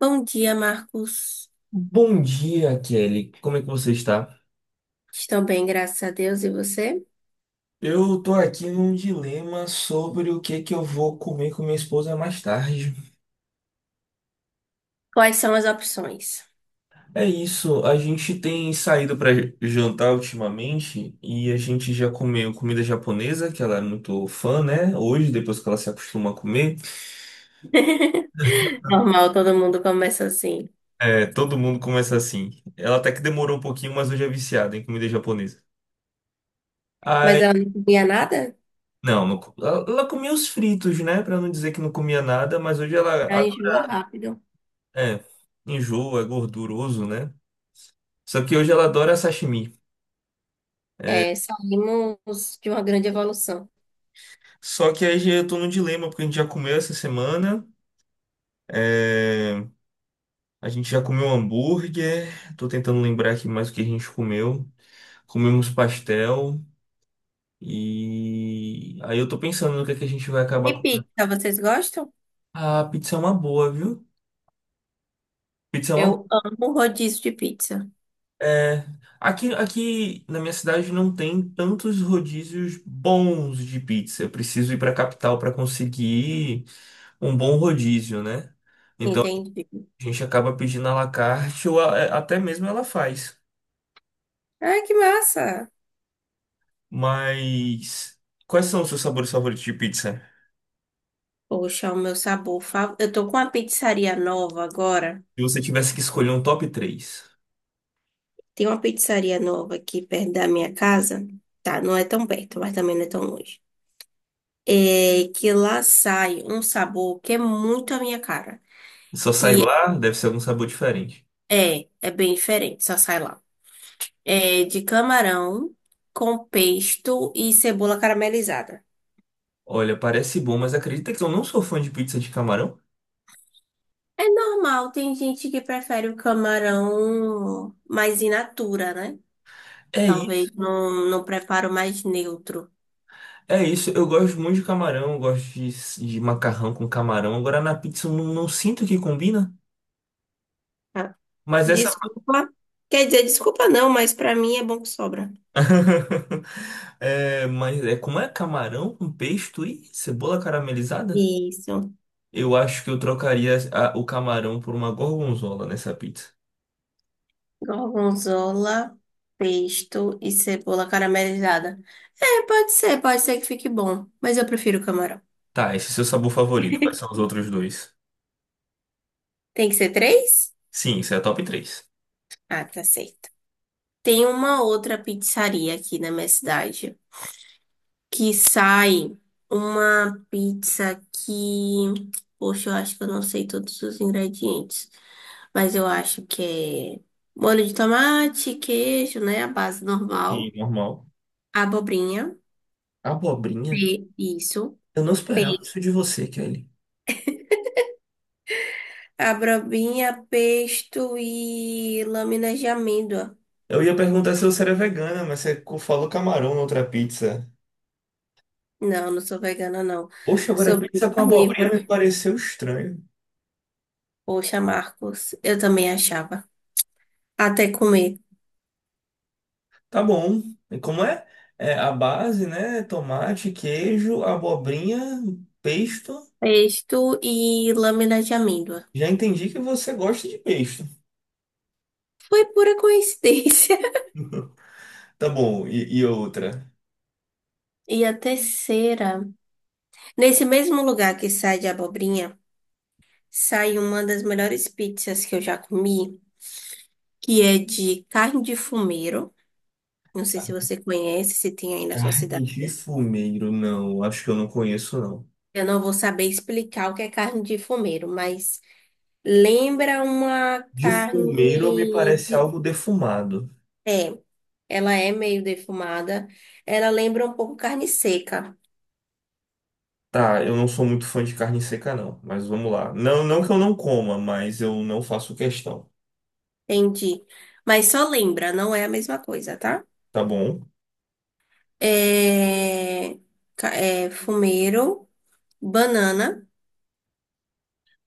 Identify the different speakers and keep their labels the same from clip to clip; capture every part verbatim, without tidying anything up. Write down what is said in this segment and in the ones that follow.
Speaker 1: Bom dia, Marcos.
Speaker 2: Bom dia, Kelly. Como é que você está?
Speaker 1: Estou bem, graças a Deus. E você?
Speaker 2: Eu tô aqui num dilema sobre o que que eu vou comer com minha esposa mais tarde.
Speaker 1: Quais são as opções?
Speaker 2: É isso, a gente tem saído para jantar ultimamente e a gente já comeu comida japonesa, que ela é muito fã, né? Hoje, depois que ela se acostuma a comer,
Speaker 1: Normal, todo mundo começa assim.
Speaker 2: é, todo mundo começa assim. Ela até que demorou um pouquinho, mas hoje é viciada em comida japonesa.
Speaker 1: Mas
Speaker 2: Aí,
Speaker 1: ela não comia nada?
Speaker 2: não, não co- ela ela comia os fritos, né? Pra não dizer que não comia nada, mas hoje ela.
Speaker 1: Ela enjoa rápido.
Speaker 2: É, enjoa, é gorduroso, né? Só que hoje ela adora sashimi.
Speaker 1: É, saímos de uma grande evolução.
Speaker 2: Só que aí eu tô num dilema, porque a gente já comeu essa semana. É. A gente já comeu hambúrguer. Tô tentando lembrar aqui mais o que a gente comeu. Comemos pastel. E aí eu tô pensando no que é que a gente vai acabar
Speaker 1: E
Speaker 2: comendo.
Speaker 1: pizza, vocês gostam?
Speaker 2: Ah, pizza é uma boa, viu? Pizza é uma.
Speaker 1: Eu amo rodízio de pizza.
Speaker 2: É, aqui, aqui na minha cidade não tem tantos rodízios bons de pizza. Eu preciso ir para a capital para conseguir um bom rodízio, né? Então
Speaker 1: Entendi.
Speaker 2: a gente acaba pedindo à la carte ou a- é, até mesmo ela faz.
Speaker 1: Ai, que massa!
Speaker 2: Mas quais são os seus sabores favoritos de pizza?
Speaker 1: Poxa, o meu sabor favorito. Eu tô com uma pizzaria nova agora.
Speaker 2: Se você tivesse que escolher um top três,
Speaker 1: Tem uma pizzaria nova aqui perto da minha casa. Tá, não é tão perto, mas também não é tão longe. É que lá sai um sabor que é muito a minha cara.
Speaker 2: só sai lá, deve ser algum sabor diferente.
Speaker 1: É, é bem diferente, só sai lá. É de camarão com pesto e cebola caramelizada.
Speaker 2: Olha, parece bom, mas acredita que eu não sou fã de pizza de camarão?
Speaker 1: É normal, tem gente que prefere o camarão mais in natura, né?
Speaker 2: É.
Speaker 1: Talvez num, num preparo mais neutro.
Speaker 2: É isso, eu gosto muito de camarão, eu gosto de, de macarrão com camarão. Agora na pizza eu não, não sinto que combina,
Speaker 1: Ah,
Speaker 2: mas essa.
Speaker 1: desculpa. Quer dizer, desculpa não, mas pra mim é bom que sobra.
Speaker 2: É, mas é, como é camarão com pesto e cebola caramelizada?
Speaker 1: Isso.
Speaker 2: Eu acho que eu trocaria a- o camarão por uma gorgonzola nessa pizza.
Speaker 1: Gorgonzola, pesto e cebola caramelizada. É, pode ser, pode ser que fique bom, mas eu prefiro camarão.
Speaker 2: Tá, esse é seu sabor favorito. Quais são os outros dois?
Speaker 1: Tem que ser três?
Speaker 2: Sim, isso é a top três.
Speaker 1: Ah, tá certo. Tem uma outra pizzaria aqui na minha cidade que sai uma pizza que, poxa, eu acho que eu não sei todos os ingredientes, mas eu acho que é molho de tomate, queijo, né, a base
Speaker 2: E
Speaker 1: normal,
Speaker 2: normal.
Speaker 1: abobrinha,
Speaker 2: Abobrinha?
Speaker 1: pe- isso.
Speaker 2: Eu não esperava isso de você, Kelly.
Speaker 1: Abobrinha, pesto e lâminas de amêndoa.
Speaker 2: Eu ia perguntar se você era vegana, mas você co- falou camarão na outra pizza.
Speaker 1: Não, não sou vegana, não.
Speaker 2: Oxe, agora
Speaker 1: Sou bem
Speaker 2: pizza com abobrinha
Speaker 1: carnívora.
Speaker 2: me pareceu estranho.
Speaker 1: Poxa, Marcos, eu também achava. Até comer
Speaker 2: Tá bom. E como é? É a base, né? Tomate, queijo, abobrinha, pesto.
Speaker 1: pesto e lâminas de amêndoa.
Speaker 2: Já entendi que você gosta de pesto.
Speaker 1: Foi pura coincidência.
Speaker 2: Tá bom. E, e outra?
Speaker 1: E a terceira. Nesse mesmo lugar que sai de abobrinha, sai uma das melhores pizzas que eu já comi, que é de carne de fumeiro. Não sei se você conhece, se tem aí na sua
Speaker 2: Carne
Speaker 1: cidade.
Speaker 2: de fumeiro, não. Acho que eu não conheço, não.
Speaker 1: Eu não vou saber explicar o que é carne de fumeiro, mas lembra uma
Speaker 2: De fumeiro me
Speaker 1: carne.
Speaker 2: parece
Speaker 1: de-
Speaker 2: algo defumado.
Speaker 1: É, ela é meio defumada. Ela lembra um pouco carne seca,
Speaker 2: Tá, eu não sou muito fã de carne seca, não. Mas vamos lá. Não, não que eu não coma, mas eu não faço questão.
Speaker 1: entendi. Mas só lembra, não é a mesma coisa, tá?
Speaker 2: Tá bom?
Speaker 1: É, ca- é fumeiro, banana.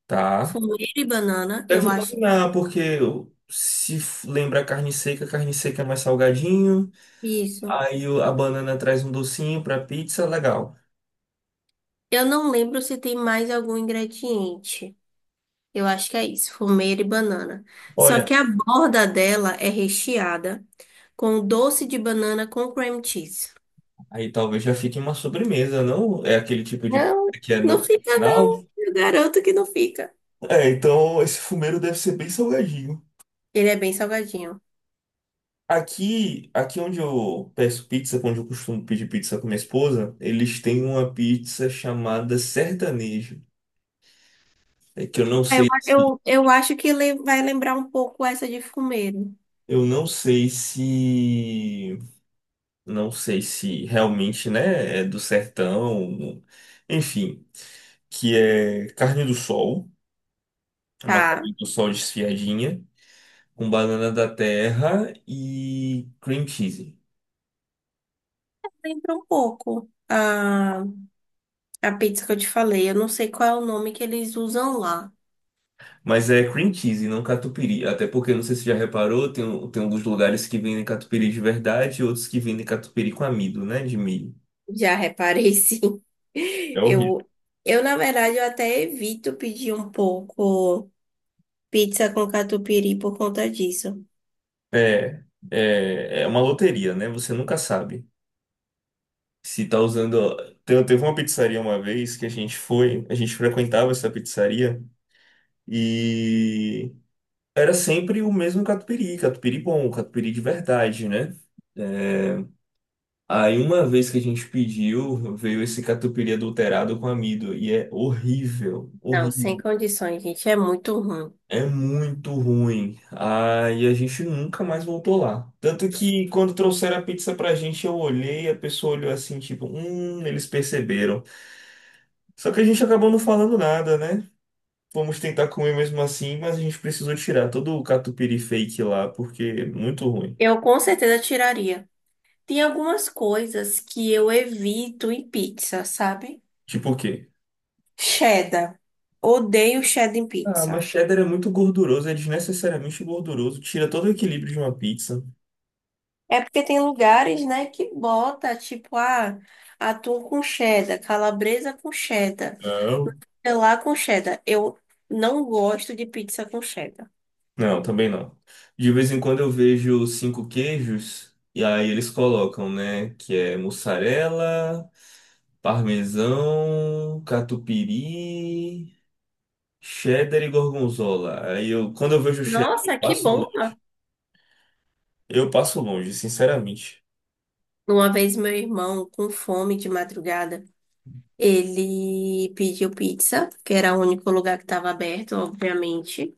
Speaker 2: Tá.
Speaker 1: Fumeiro e banana, eu
Speaker 2: Deve
Speaker 1: acho.
Speaker 2: combinar, porque se f- lembra carne seca, carne seca é mais salgadinho.
Speaker 1: Que isso.
Speaker 2: Aí o- a banana traz um docinho pra pizza, legal.
Speaker 1: Eu não lembro se tem mais algum ingrediente. Eu acho que é isso, fumeira e banana. Só
Speaker 2: Olha,
Speaker 1: que a borda dela é recheada com doce de banana com cream cheese.
Speaker 2: aí talvez já fique uma sobremesa, não? É aquele tipo de pizza
Speaker 1: Não,
Speaker 2: que é no
Speaker 1: não fica
Speaker 2: original.
Speaker 1: não. Eu garanto que não fica.
Speaker 2: É, então esse fumeiro deve ser bem salgadinho.
Speaker 1: Ele é bem salgadinho.
Speaker 2: Aqui, aqui onde eu peço pizza, onde eu costumo pedir pizza com minha esposa, eles têm uma pizza chamada sertanejo. É que eu não
Speaker 1: Eu,
Speaker 2: sei se,
Speaker 1: eu, eu acho que ele vai lembrar um pouco essa de fumeira.
Speaker 2: eu não sei se Não sei se realmente, né, é do sertão, enfim, que é carne do sol, uma
Speaker 1: Tá,
Speaker 2: carne do sol desfiadinha, com banana da terra e cream cheese.
Speaker 1: lembra um pouco a, a pizza que eu te falei. Eu não sei qual é o nome que eles usam lá.
Speaker 2: Mas é cream cheese, não catupiry. Até porque, não sei se já reparou, tem, um- tem alguns lugares que vendem catupiry de verdade e outros que vendem catupiry com amido, né, de milho.
Speaker 1: Já reparei, sim.
Speaker 2: É horrível.
Speaker 1: Eu, eu, Na verdade, eu até evito pedir um pouco. Pizza com catupiry por conta disso.
Speaker 2: É, é, é uma loteria, né? Você nunca sabe. Se tá usando. Te- Teve uma pizzaria uma vez que a gente foi, a gente frequentava essa pizzaria e era sempre o mesmo catupiry, catupiry bom, catupiry de verdade, né? É, aí uma vez que a gente pediu, veio esse catupiry adulterado com amido e é horrível,
Speaker 1: Não, sem
Speaker 2: horrível,
Speaker 1: condições, gente. É muito ruim.
Speaker 2: é muito ruim. Aí a gente nunca mais voltou lá. Tanto que quando trouxeram a pizza pra gente, eu olhei, a pessoa olhou assim, tipo, hum, eles perceberam. Só que a gente acabou não falando nada, né? Vamos tentar comer mesmo assim, mas a gente precisou tirar todo o catupiry fake lá, porque é muito ruim.
Speaker 1: Eu com certeza tiraria. Tem algumas coisas que eu evito em pizza, sabe?
Speaker 2: Tipo o quê?
Speaker 1: Cheddar. Odeio cheddar em
Speaker 2: Ah,
Speaker 1: pizza.
Speaker 2: mas cheddar é muito gorduroso, é desnecessariamente gorduroso, tira todo o equilíbrio de uma pizza.
Speaker 1: É porque tem lugares, né, que bota, tipo, ah, atum com cheddar, calabresa com cheddar,
Speaker 2: Não.
Speaker 1: sei lá com cheddar. Eu não gosto de pizza com cheddar.
Speaker 2: Não, também não. De vez em quando eu vejo cinco queijos, e aí eles colocam, né? Que é mussarela, parmesão, catupiry, cheddar e gorgonzola. Aí eu, quando eu vejo cheddar, eu
Speaker 1: Nossa, que
Speaker 2: passo
Speaker 1: bom!
Speaker 2: Eu passo longe, sinceramente.
Speaker 1: Uma vez meu irmão, com fome de madrugada, ele pediu pizza, que era o único lugar que estava aberto, obviamente.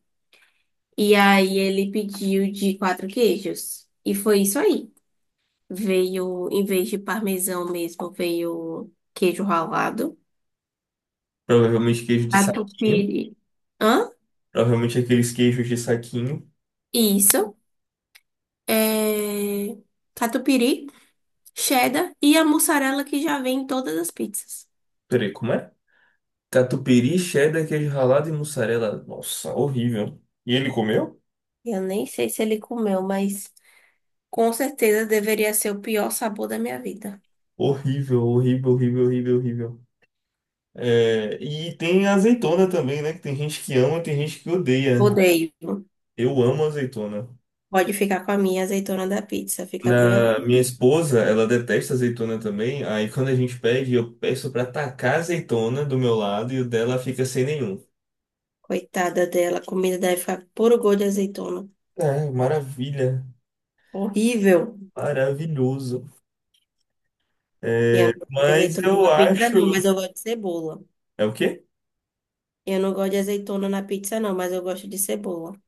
Speaker 1: E aí ele pediu de quatro queijos. E foi isso aí. Veio, em vez de parmesão mesmo, veio queijo ralado.
Speaker 2: Provavelmente queijo de saquinho.
Speaker 1: Catupiry. Hã?
Speaker 2: Provavelmente aqueles queijos de saquinho.
Speaker 1: Isso. É... Catupiry, cheddar e a mussarela que já vem em todas as pizzas.
Speaker 2: Peraí, como é? Catupiry, cheddar, queijo ralado e mussarela. Nossa, horrível. E ele comeu?
Speaker 1: Eu nem sei se ele comeu, mas com certeza deveria ser o pior sabor da minha vida.
Speaker 2: Horrível, horrível, horrível, horrível, horrível. É, e tem azeitona também, né? Que tem gente que ama, tem gente que odeia.
Speaker 1: Odeio.
Speaker 2: Eu amo azeitona.
Speaker 1: Pode ficar com a minha azeitona da pizza. Fica bem, à
Speaker 2: Na minha esposa, ela detesta azeitona também. Aí quando a gente pede, eu peço pra tacar azeitona do meu lado e o dela fica sem nenhum.
Speaker 1: coitada dela. A comida deve ficar puro gosto de azeitona.
Speaker 2: É, maravilha.
Speaker 1: Horrível.
Speaker 2: Maravilhoso.
Speaker 1: E eu não gosto de
Speaker 2: Mas
Speaker 1: azeitona
Speaker 2: eu
Speaker 1: na pizza, não,
Speaker 2: acho.
Speaker 1: mas eu gosto de cebola.
Speaker 2: É o quê?
Speaker 1: Eu não gosto de azeitona na pizza, não, mas eu gosto de cebola.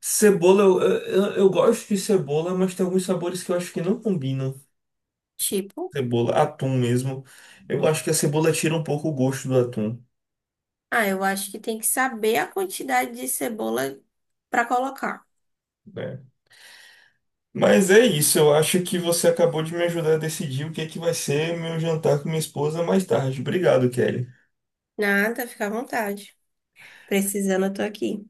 Speaker 2: Cebola, eu, eu, eu gosto de cebola, mas tem alguns sabores que eu acho que não combinam.
Speaker 1: Tipo,
Speaker 2: Cebola, atum mesmo. Eu acho que a cebola tira um pouco o gosto do atum,
Speaker 1: ah, eu acho que tem que saber a quantidade de cebola pra colocar.
Speaker 2: né? Mas é isso, eu acho que você acabou de me ajudar a decidir o que é que vai ser meu jantar com minha esposa mais tarde. Obrigado, Kelly.
Speaker 1: Nada, fica à vontade. Precisando, eu tô aqui.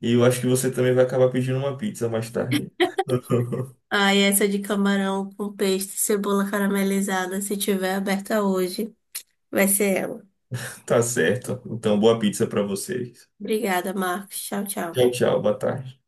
Speaker 2: E eu acho que você também vai acabar pedindo uma pizza mais tarde.
Speaker 1: Ah, e essa de camarão com peixe, cebola caramelizada, se tiver aberta hoje, vai ser ela.
Speaker 2: Tá certo. Então, boa pizza pra vocês.
Speaker 1: Obrigada, Marcos. Tchau, tchau.
Speaker 2: Tchau, tchau, boa tarde.